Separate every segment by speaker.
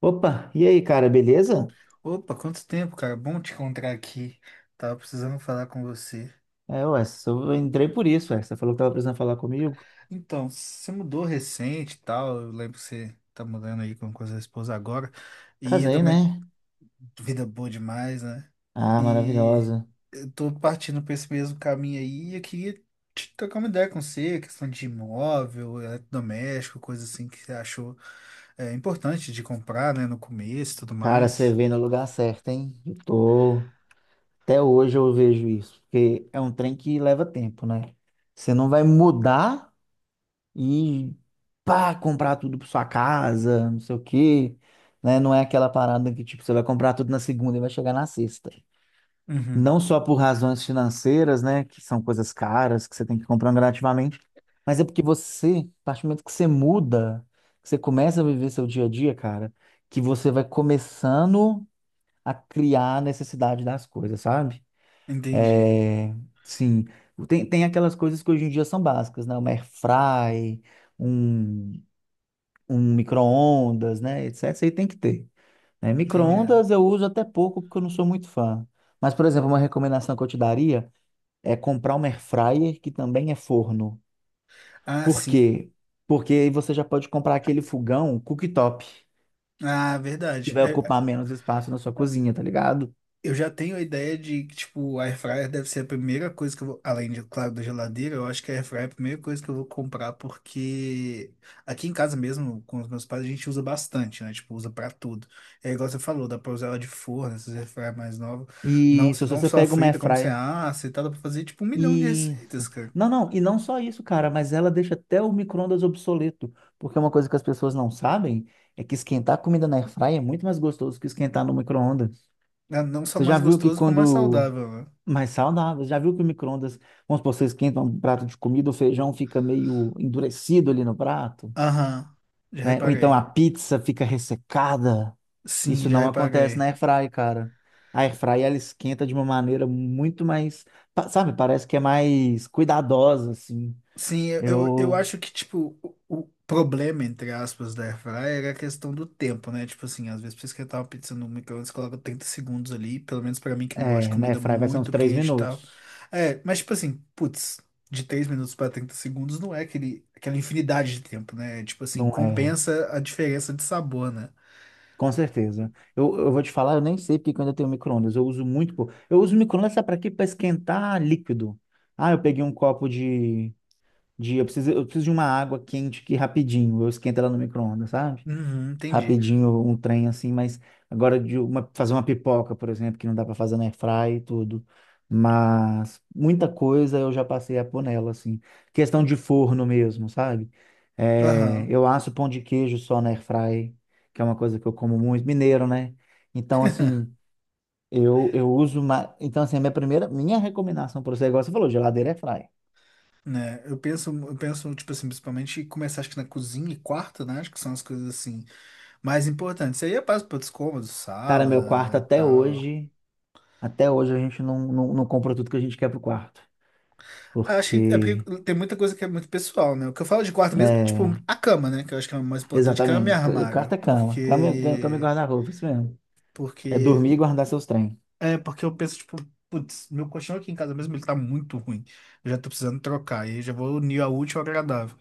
Speaker 1: Opa, e aí, cara, beleza?
Speaker 2: Opa, quanto tempo, cara? Bom te encontrar aqui. Tava precisando falar com você.
Speaker 1: É, ué, eu entrei por isso, ué. Você falou que tava precisando falar comigo.
Speaker 2: Então, você mudou recente e tal. Eu lembro que você tá mudando aí com a sua esposa agora. E eu
Speaker 1: Casei,
Speaker 2: também,
Speaker 1: né?
Speaker 2: vida boa demais, né?
Speaker 1: Ah,
Speaker 2: E
Speaker 1: maravilhosa.
Speaker 2: eu tô partindo pra esse mesmo caminho aí. E eu queria te trocar uma ideia com você, questão de imóvel, eletrodoméstico, coisa assim que você achou importante de comprar, né? No começo e tudo
Speaker 1: Cara, você
Speaker 2: mais.
Speaker 1: veio no lugar certo, hein? Eu tô... Até hoje eu vejo isso, porque é um trem que leva tempo, né? Você não vai mudar e pá, comprar tudo pra sua casa, não sei o quê, né? Não é aquela parada que, tipo, você vai comprar tudo na segunda e vai chegar na sexta.
Speaker 2: Uhum.
Speaker 1: Não só por razões financeiras, né, que são coisas caras que você tem que comprar gradativamente, mas é porque você, a partir do momento que você muda, que você começa a viver seu dia a dia, cara, que você vai começando a criar a necessidade das coisas, sabe?
Speaker 2: Entendi,
Speaker 1: É, sim, tem aquelas coisas que hoje em dia são básicas, né? Uma air fry, um, um micro-ondas, né, etc. Isso aí tem que ter. Né?
Speaker 2: entendi.
Speaker 1: Micro-ondas eu uso até pouco porque eu não sou muito fã. Mas, por exemplo, uma recomendação que eu te daria é comprar uma air fryer que também é forno.
Speaker 2: Ah,
Speaker 1: Por
Speaker 2: sim.
Speaker 1: quê? Porque aí você já pode comprar aquele fogão cooktop,
Speaker 2: Ah,
Speaker 1: que
Speaker 2: verdade.
Speaker 1: vai
Speaker 2: É,
Speaker 1: ocupar menos espaço na sua cozinha, tá ligado?
Speaker 2: eu já tenho a ideia de que, tipo, a airfryer deve ser a primeira coisa que eu vou, além de, claro, da geladeira, eu acho que a airfryer é a primeira coisa que eu vou comprar porque aqui em casa mesmo, com os meus pais, a gente usa bastante, né? Tipo, usa pra tudo. É igual você falou, dá pra usar ela de forno, essas airfryer mais novas. Não,
Speaker 1: E
Speaker 2: você
Speaker 1: se
Speaker 2: não
Speaker 1: você
Speaker 2: só
Speaker 1: pega uma air
Speaker 2: frita como você
Speaker 1: fryer
Speaker 2: assa e tal, dá pra fazer, tipo, um milhão de
Speaker 1: e
Speaker 2: receitas, cara.
Speaker 1: não, e não só isso, cara, mas ela deixa até o micro-ondas obsoleto, porque uma coisa que as pessoas não sabem é que esquentar comida na air fryer é muito mais gostoso que esquentar no micro-ondas.
Speaker 2: Não só
Speaker 1: Você já
Speaker 2: mais
Speaker 1: viu que
Speaker 2: gostoso, como mais
Speaker 1: quando
Speaker 2: saudável, né?
Speaker 1: Mais saudável. Já viu que o micro-ondas, vamos supor, você esquenta um prato de comida, o feijão fica meio endurecido ali no prato,
Speaker 2: Aham, já
Speaker 1: né? Ou então
Speaker 2: reparei.
Speaker 1: a pizza fica ressecada.
Speaker 2: Sim,
Speaker 1: Isso
Speaker 2: já
Speaker 1: não acontece
Speaker 2: reparei.
Speaker 1: na airfry, cara. A airfry, ela esquenta de uma maneira muito mais, sabe, parece que é mais cuidadosa, assim.
Speaker 2: Sim, eu
Speaker 1: Eu,
Speaker 2: acho que, tipo, o problema, entre aspas, da airfryer é a questão do tempo, né? Tipo assim, às vezes pra esquentar uma pizza no micro-ondas, coloca 30 segundos ali, pelo menos pra mim que não gosta de
Speaker 1: é, na
Speaker 2: comida
Speaker 1: airfry vai ser uns
Speaker 2: muito
Speaker 1: três
Speaker 2: quente e tal.
Speaker 1: minutos.
Speaker 2: É, mas tipo assim, putz, de 3 minutos pra 30 segundos não é aquela infinidade de tempo, né? É, tipo assim,
Speaker 1: Não é
Speaker 2: compensa a diferença de sabor, né?
Speaker 1: Com certeza. Eu vou te falar, eu nem sei porque que eu ainda tenho micro-ondas. Eu uso muito, pô. Eu uso micro-ondas sabe para quê? Para esquentar líquido. Ah, eu peguei um copo de eu preciso de uma água quente aqui rapidinho. Eu esquento ela no micro-ondas, sabe?
Speaker 2: Uhum, entendi.
Speaker 1: Rapidinho um trem assim, mas agora de uma, fazer uma pipoca, por exemplo, que não dá para fazer na airfry e tudo. Mas muita coisa eu já passei a pôr nela, assim. Questão de forno mesmo, sabe? É,
Speaker 2: Aham.
Speaker 1: eu asso pão de queijo só na airfry, que é uma coisa que eu como muito, mineiro, né? Então, assim, eu uso uma... Então, assim, a minha primeira, minha recomendação para você, igual você falou, geladeira airfry.
Speaker 2: Né, eu penso, tipo assim, principalmente começar acho que na cozinha e quarto, né? Acho que são as coisas assim. Mais importante. Isso aí é para outros cômodos,
Speaker 1: Cara, meu quarto
Speaker 2: sala e tal.
Speaker 1: até hoje a gente não compra tudo que a gente quer pro quarto.
Speaker 2: Acho que é
Speaker 1: Porque
Speaker 2: porque tem muita coisa que é muito pessoal, né? O que eu falo de quarto mesmo é tipo
Speaker 1: é,
Speaker 2: a cama, né? Que eu acho que é o mais importante, cama e
Speaker 1: exatamente. Quarto
Speaker 2: armário.
Speaker 1: é cama. Cama e
Speaker 2: Porque.
Speaker 1: guarda-roupa, isso mesmo. É dormir
Speaker 2: Porque.
Speaker 1: e guardar seus trem.
Speaker 2: É, porque eu penso, tipo, putz, meu colchão aqui em casa mesmo, ele tá muito ruim. Eu já tô precisando trocar. E eu já vou unir a útil ao agradável.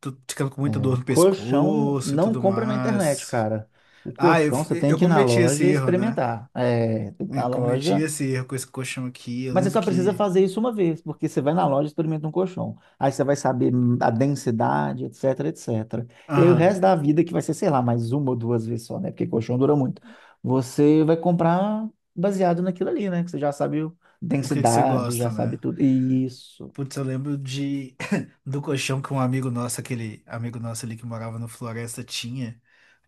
Speaker 2: Tô ficando com muita dor no
Speaker 1: Colchão
Speaker 2: pescoço e
Speaker 1: não
Speaker 2: tudo
Speaker 1: compra na internet,
Speaker 2: mais.
Speaker 1: cara. O
Speaker 2: Ah, eu,
Speaker 1: colchão você tem
Speaker 2: eu
Speaker 1: que ir na
Speaker 2: cometi esse
Speaker 1: loja e
Speaker 2: erro, né?
Speaker 1: experimentar. É, tem que ir na
Speaker 2: Eu cometi
Speaker 1: loja.
Speaker 2: esse erro com esse colchão aqui. Eu
Speaker 1: Mas você
Speaker 2: lembro
Speaker 1: só precisa
Speaker 2: que.
Speaker 1: fazer isso uma vez, porque você vai na loja e experimenta um colchão. Aí você vai saber a densidade, etc, etc. E aí o
Speaker 2: Aham.
Speaker 1: resto da vida, que vai ser, sei lá, mais uma ou duas vezes só, né? Porque colchão dura muito. Você vai comprar baseado naquilo ali, né? Que você já sabe
Speaker 2: O que que você
Speaker 1: densidade,
Speaker 2: gosta,
Speaker 1: já sabe
Speaker 2: né?
Speaker 1: tudo. E isso.
Speaker 2: Putz, eu lembro de do colchão que um amigo nosso, aquele amigo nosso ali que morava no Floresta, tinha.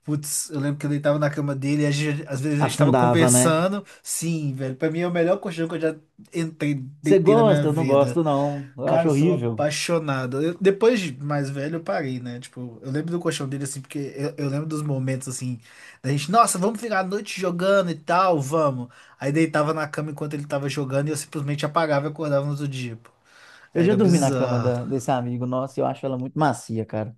Speaker 2: Putz, eu lembro que eu deitava na cama dele e a gente- às vezes a gente tava
Speaker 1: Afundava, né?
Speaker 2: conversando. Sim, velho, pra mim é o melhor colchão que eu já entrei,
Speaker 1: Você
Speaker 2: deitei na minha
Speaker 1: gosta? Eu não
Speaker 2: vida.
Speaker 1: gosto, não. Eu
Speaker 2: Cara,
Speaker 1: acho
Speaker 2: eu sou
Speaker 1: horrível.
Speaker 2: apaixonado. Eu- depois de mais velho, eu parei, né? Tipo, eu lembro do colchão dele, assim, porque eu lembro dos momentos, assim, da gente, nossa, vamos virar a noite jogando e tal, vamos. Aí deitava na cama enquanto ele tava jogando e eu simplesmente apagava e acordava no outro dia, pô.
Speaker 1: Eu já
Speaker 2: Era
Speaker 1: dormi na cama
Speaker 2: bizarro.
Speaker 1: desse amigo nosso e eu acho ela muito macia, cara.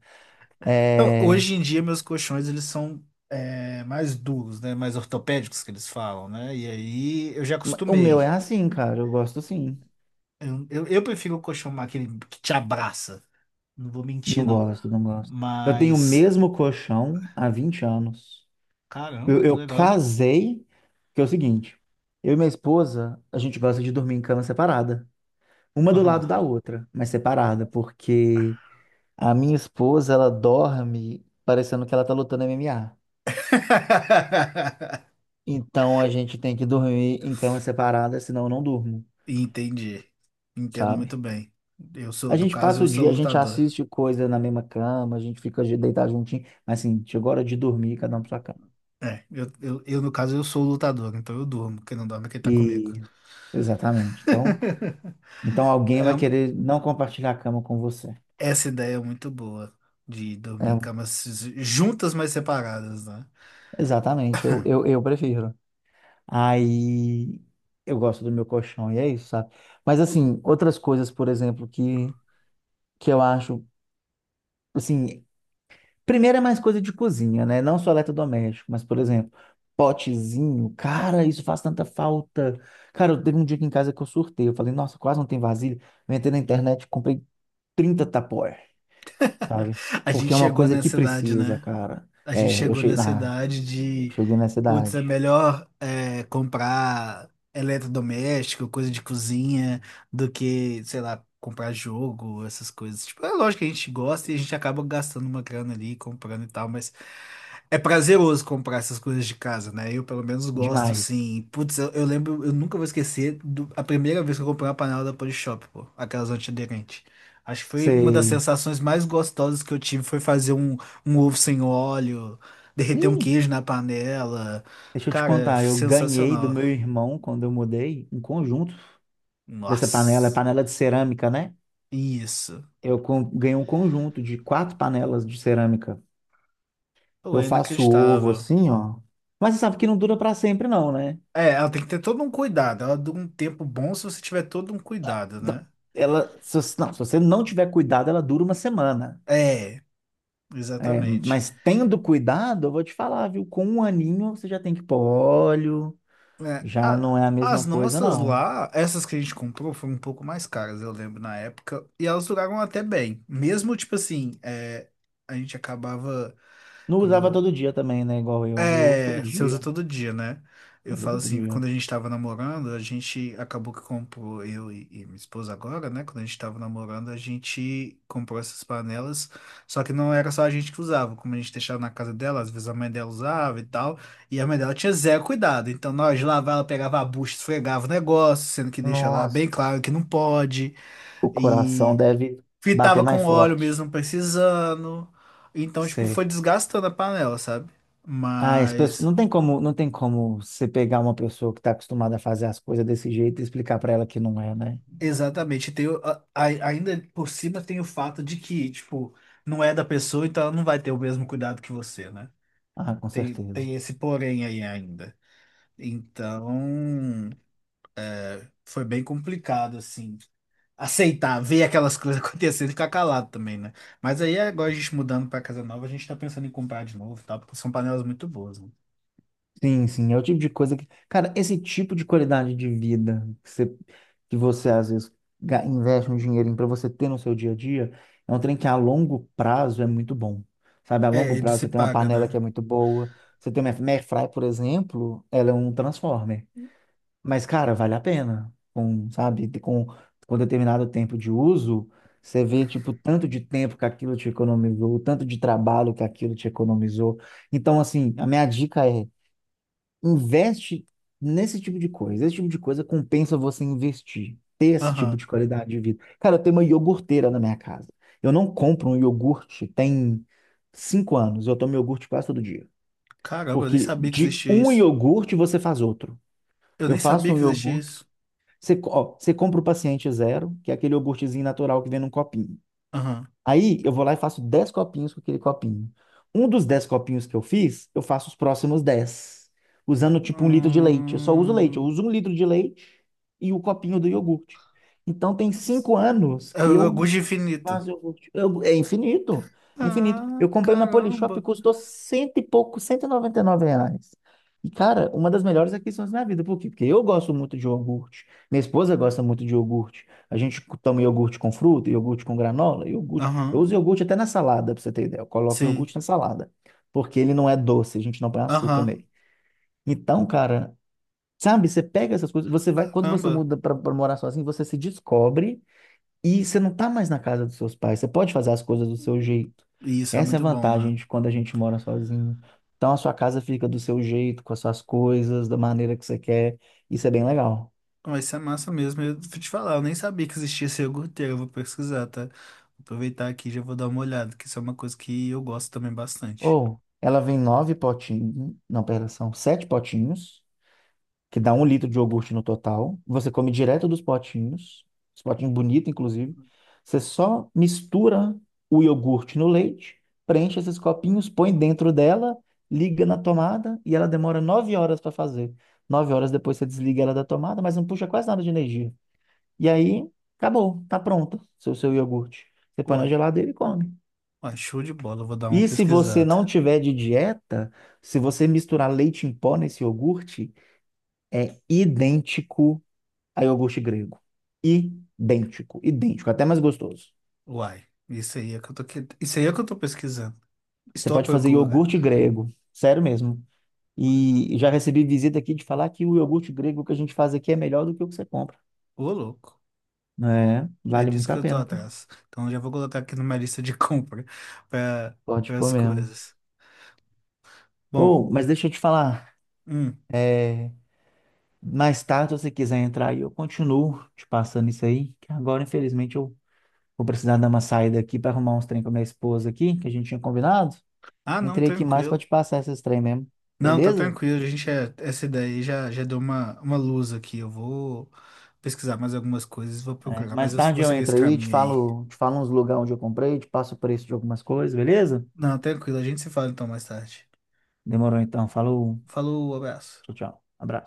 Speaker 2: Eu-
Speaker 1: É...
Speaker 2: hoje em dia, meus colchões, eles são, é, mais duros, né? Mais ortopédicos, que eles falam, né? E aí, eu já
Speaker 1: O meu
Speaker 2: acostumei.
Speaker 1: é assim, cara. Eu gosto sim.
Speaker 2: Eu prefiro o colchão aquele que te abraça. Não vou mentir,
Speaker 1: Não
Speaker 2: não.
Speaker 1: gosto, não gosto. Eu tenho o
Speaker 2: Mas.
Speaker 1: mesmo colchão há 20 anos.
Speaker 2: Caramba, que
Speaker 1: Eu
Speaker 2: legal.
Speaker 1: casei, que é o seguinte, eu e minha esposa, a gente gosta de dormir em cama separada, uma do
Speaker 2: Aham.
Speaker 1: lado da outra, mas separada, porque a minha esposa, ela dorme parecendo que ela tá lutando MMA. Então a gente tem que dormir em cama separada, senão eu não durmo,
Speaker 2: Entendi. Entendo
Speaker 1: sabe?
Speaker 2: muito bem. Eu sou,
Speaker 1: A
Speaker 2: no
Speaker 1: gente
Speaker 2: caso,
Speaker 1: passa
Speaker 2: eu
Speaker 1: o
Speaker 2: sou
Speaker 1: dia, a gente
Speaker 2: lutador.
Speaker 1: assiste coisa na mesma cama, a gente fica deitado juntinho, mas assim, chegou a hora de dormir, cada um pra sua cama.
Speaker 2: É, no caso, eu sou o lutador, então eu durmo. Quem não dorme é quem tá comigo.
Speaker 1: E Exatamente. Então, então alguém
Speaker 2: É
Speaker 1: vai
Speaker 2: um-
Speaker 1: querer não compartilhar a cama com você.
Speaker 2: essa ideia é muito boa. De dormir
Speaker 1: É,
Speaker 2: em camas juntas, mas separadas, né?
Speaker 1: exatamente, eu prefiro. Aí eu gosto do meu colchão, e é isso, sabe? Mas assim, outras coisas, por exemplo, que eu acho, assim, primeiro é mais coisa de cozinha, né? Não só eletrodoméstico, mas, por exemplo, potezinho, cara, isso faz tanta falta. Cara, eu teve um dia aqui em casa que eu surtei, eu falei, nossa, quase não tem vasilha. Eu entrei na internet, comprei 30 tapaué. Sabe?
Speaker 2: A
Speaker 1: Porque
Speaker 2: gente
Speaker 1: é uma
Speaker 2: chegou
Speaker 1: coisa que
Speaker 2: nessa idade,
Speaker 1: precisa,
Speaker 2: né?
Speaker 1: cara.
Speaker 2: A gente chegou nessa idade
Speaker 1: Eu
Speaker 2: de,
Speaker 1: cheguei nessa
Speaker 2: putz, é
Speaker 1: idade.
Speaker 2: melhor é, comprar eletrodoméstico, coisa de cozinha, do que, sei lá, comprar jogo, essas coisas. Tipo, é lógico que a gente gosta e a gente acaba gastando uma grana ali, comprando e tal, mas é prazeroso comprar essas coisas de casa, né? Eu, pelo menos, gosto,
Speaker 1: Demais.
Speaker 2: assim. Putz, eu lembro, eu nunca vou esquecer do- a primeira vez que eu comprei uma panela da Polishop, pô, aquelas antiaderentes. Acho que foi uma das
Speaker 1: Sei.
Speaker 2: sensações mais gostosas que eu tive foi fazer um ovo sem óleo, derreter um
Speaker 1: Ih,
Speaker 2: queijo na panela.
Speaker 1: deixa eu te
Speaker 2: Cara,
Speaker 1: contar, eu ganhei do meu
Speaker 2: sensacional.
Speaker 1: irmão quando eu mudei um conjunto dessa panela, é
Speaker 2: Nossa,
Speaker 1: panela de cerâmica, né?
Speaker 2: isso.
Speaker 1: Ganhei um conjunto de 4 panelas de cerâmica.
Speaker 2: Pô,
Speaker 1: Eu
Speaker 2: é
Speaker 1: faço ovo
Speaker 2: inacreditável.
Speaker 1: assim, ó. Mas você sabe que não dura para sempre, não, né?
Speaker 2: É, ela tem que ter todo um cuidado. Ela dura um tempo bom se você tiver todo um cuidado,
Speaker 1: Da-
Speaker 2: né?
Speaker 1: Ela, se você não tiver cuidado, ela dura uma semana.
Speaker 2: É,
Speaker 1: É,
Speaker 2: exatamente.
Speaker 1: mas tendo cuidado, eu vou te falar, viu? Com um aninho você já tem que pôr óleo,
Speaker 2: É,
Speaker 1: já
Speaker 2: a-
Speaker 1: não é a
Speaker 2: as
Speaker 1: mesma coisa,
Speaker 2: nossas
Speaker 1: não.
Speaker 2: lá, essas que a gente comprou, foram um pouco mais caras, eu lembro, na época. E elas duraram até bem. Mesmo, tipo assim, é, a gente acabava.
Speaker 1: Não usava
Speaker 2: Quando
Speaker 1: todo dia também, né? Igual eu. Eu uso todo
Speaker 2: É, você usa
Speaker 1: dia.
Speaker 2: todo dia, né? Eu
Speaker 1: Uso
Speaker 2: falo
Speaker 1: todo
Speaker 2: assim, que quando
Speaker 1: dia.
Speaker 2: a gente tava namorando, a gente acabou que comprou, eu e minha esposa agora, né? Quando a gente tava namorando, a gente comprou essas panelas, só que não era só a gente que usava, como a gente deixava na casa dela, às vezes a mãe dela usava e tal, e a mãe dela tinha zero cuidado, então nós lavava, ela pegava a bucha, esfregava o negócio, sendo que deixa lá
Speaker 1: Nossa,
Speaker 2: bem claro que não pode,
Speaker 1: o coração
Speaker 2: e
Speaker 1: deve bater
Speaker 2: fritava
Speaker 1: mais
Speaker 2: com óleo
Speaker 1: forte.
Speaker 2: mesmo não precisando, então, tipo,
Speaker 1: Sei.
Speaker 2: foi desgastando a panela, sabe?
Speaker 1: Ah, as pessoas,
Speaker 2: Mas
Speaker 1: não tem como você pegar uma pessoa que está acostumada a fazer as coisas desse jeito e explicar para ela que não é, né?
Speaker 2: exatamente. Tem, ainda por cima tem o fato de que, tipo, não é da pessoa, então ela não vai ter o mesmo cuidado que você, né?
Speaker 1: Ah, com
Speaker 2: Tem,
Speaker 1: certeza.
Speaker 2: tem esse porém aí ainda. Então, foi bem complicado, assim, aceitar, ver aquelas coisas acontecendo e ficar calado também, né? Mas aí, agora a gente mudando pra casa nova, a gente tá pensando em comprar de novo, tá? Porque são panelas muito boas, né?
Speaker 1: Sim, sim, é o tipo de coisa que, cara, esse tipo de qualidade de vida que você às vezes investe um dinheirinho para você ter no seu dia a dia, é um trem que a longo prazo é muito bom. Sabe, a
Speaker 2: É,
Speaker 1: longo
Speaker 2: ele
Speaker 1: prazo
Speaker 2: se
Speaker 1: você tem uma
Speaker 2: paga,
Speaker 1: panela
Speaker 2: né?
Speaker 1: que é muito boa, você tem uma airfryer, por exemplo, ela é um transformer. Mas, cara, vale a pena. Com determinado tempo de uso, você vê, tipo, tanto de tempo que aquilo te economizou, tanto de trabalho que aquilo te economizou. Então, assim, a minha dica é investe nesse tipo de coisa. Esse tipo de coisa compensa você investir, ter esse tipo
Speaker 2: Aham.
Speaker 1: de qualidade de vida. Cara, eu tenho uma iogurteira na minha casa. Eu não compro um iogurte tem 5 anos. Eu tomo iogurte quase todo dia.
Speaker 2: Caramba, eu nem
Speaker 1: Porque
Speaker 2: sabia que
Speaker 1: de
Speaker 2: existia
Speaker 1: um
Speaker 2: isso.
Speaker 1: iogurte você faz outro.
Speaker 2: Eu
Speaker 1: Eu
Speaker 2: nem sabia
Speaker 1: faço um
Speaker 2: que existia
Speaker 1: iogurte.
Speaker 2: isso.
Speaker 1: Ó, você compra o paciente zero, que é aquele iogurtezinho natural que vem num copinho.
Speaker 2: Aham.
Speaker 1: Aí eu vou lá e faço 10 copinhos com aquele copinho. Um dos 10 copinhos que eu fiz, eu faço os próximos 10 usando tipo 1 litro de leite. Eu só uso leite, eu
Speaker 2: Hum.
Speaker 1: uso 1 litro de leite e o copinho do iogurte. Então tem 5 anos
Speaker 2: É
Speaker 1: que
Speaker 2: o
Speaker 1: eu
Speaker 2: Gude Infinito.
Speaker 1: é infinito. É infinito.
Speaker 2: Ah,
Speaker 1: Eu comprei na Polishop e
Speaker 2: caramba.
Speaker 1: custou cento e pouco, R$ 199. E, cara, uma das melhores aquisições da minha vida. Por quê? Porque eu gosto muito de iogurte. Minha esposa gosta muito de iogurte. A gente toma iogurte com fruta, iogurte com granola, iogurte. Eu
Speaker 2: Aham,
Speaker 1: uso iogurte até na salada, pra você ter ideia. Eu coloco
Speaker 2: sim.
Speaker 1: iogurte na salada. Porque ele não é doce, a gente não põe açúcar
Speaker 2: Aham,
Speaker 1: nele. Então, cara, sabe, você pega essas coisas, você vai, quando você
Speaker 2: caramba.
Speaker 1: muda para morar sozinho, você se descobre. E você não tá mais na casa dos seus pais, você pode fazer as coisas do seu jeito.
Speaker 2: E isso é
Speaker 1: Essa é a
Speaker 2: muito bom, né?
Speaker 1: vantagem de quando a gente mora sozinho. Então a sua casa fica do seu jeito, com as suas coisas, da maneira que você quer. Isso é bem legal.
Speaker 2: Mas isso é massa mesmo. Eu vou te falar, eu nem sabia que existia esse iogurteiro. Eu vou pesquisar, tá? Vou aproveitar aqui e já vou dar uma olhada, que isso é uma coisa que eu gosto também bastante.
Speaker 1: Ou ela vem nove potinhos, não, pera, são 7 potinhos, que dá 1 litro de iogurte no total. Você come direto dos potinhos, os potinhos bonitos, inclusive. Você só mistura o iogurte no leite, preenche esses copinhos, põe dentro dela, liga na tomada e ela demora 9 horas para fazer. 9 horas depois você desliga ela da tomada, mas não puxa quase nada de energia. E aí, acabou, tá pronta seu iogurte. Você põe na
Speaker 2: Uai,
Speaker 1: geladeira e come.
Speaker 2: uai, show de bola. Eu vou dar uma
Speaker 1: E se você
Speaker 2: pesquisada.
Speaker 1: não tiver de dieta, se você misturar leite em pó nesse iogurte, é idêntico a iogurte grego. Idêntico, idêntico, até mais gostoso.
Speaker 2: Uai, isso aí é que eu tô, que... isso aí é que eu tô pesquisando.
Speaker 1: Você
Speaker 2: Estou à
Speaker 1: pode fazer
Speaker 2: procura.
Speaker 1: iogurte grego, sério mesmo. E já recebi visita aqui de falar que o iogurte grego que a gente faz aqui é melhor do que o que você compra.
Speaker 2: Ô, louco.
Speaker 1: É,
Speaker 2: É
Speaker 1: vale
Speaker 2: disso
Speaker 1: muito
Speaker 2: que
Speaker 1: a
Speaker 2: eu tô
Speaker 1: pena, cara.
Speaker 2: atrás. Então já vou colocar aqui na minha lista de compra para
Speaker 1: Pode pôr
Speaker 2: as
Speaker 1: mesmo.
Speaker 2: coisas. Bom,
Speaker 1: Ou, mas deixa eu te falar,
Speaker 2: hum.
Speaker 1: é, mais tarde, se você quiser entrar aí, eu continuo te passando isso aí, que agora, infelizmente, eu vou precisar dar uma saída aqui para arrumar uns trem com a minha esposa aqui, que a gente tinha combinado.
Speaker 2: Ah, não,
Speaker 1: Entrei aqui mais para
Speaker 2: tranquilo.
Speaker 1: te passar esses trem mesmo,
Speaker 2: Não, tá
Speaker 1: beleza?
Speaker 2: tranquilo. A gente é, essa daí já, já deu uma luz aqui. Eu vou pesquisar mais algumas coisas, vou
Speaker 1: É,
Speaker 2: procurar, mas
Speaker 1: mais
Speaker 2: eu
Speaker 1: tarde
Speaker 2: vou
Speaker 1: eu
Speaker 2: seguir esse
Speaker 1: entro aí,
Speaker 2: caminho aí.
Speaker 1: te falo uns lugares onde eu comprei, te passo o preço de algumas coisas, beleza?
Speaker 2: Não, tranquilo. A gente se fala então mais tarde.
Speaker 1: Demorou então. Falou.
Speaker 2: Falou, abraço.
Speaker 1: Tchau, tchau. Abraço.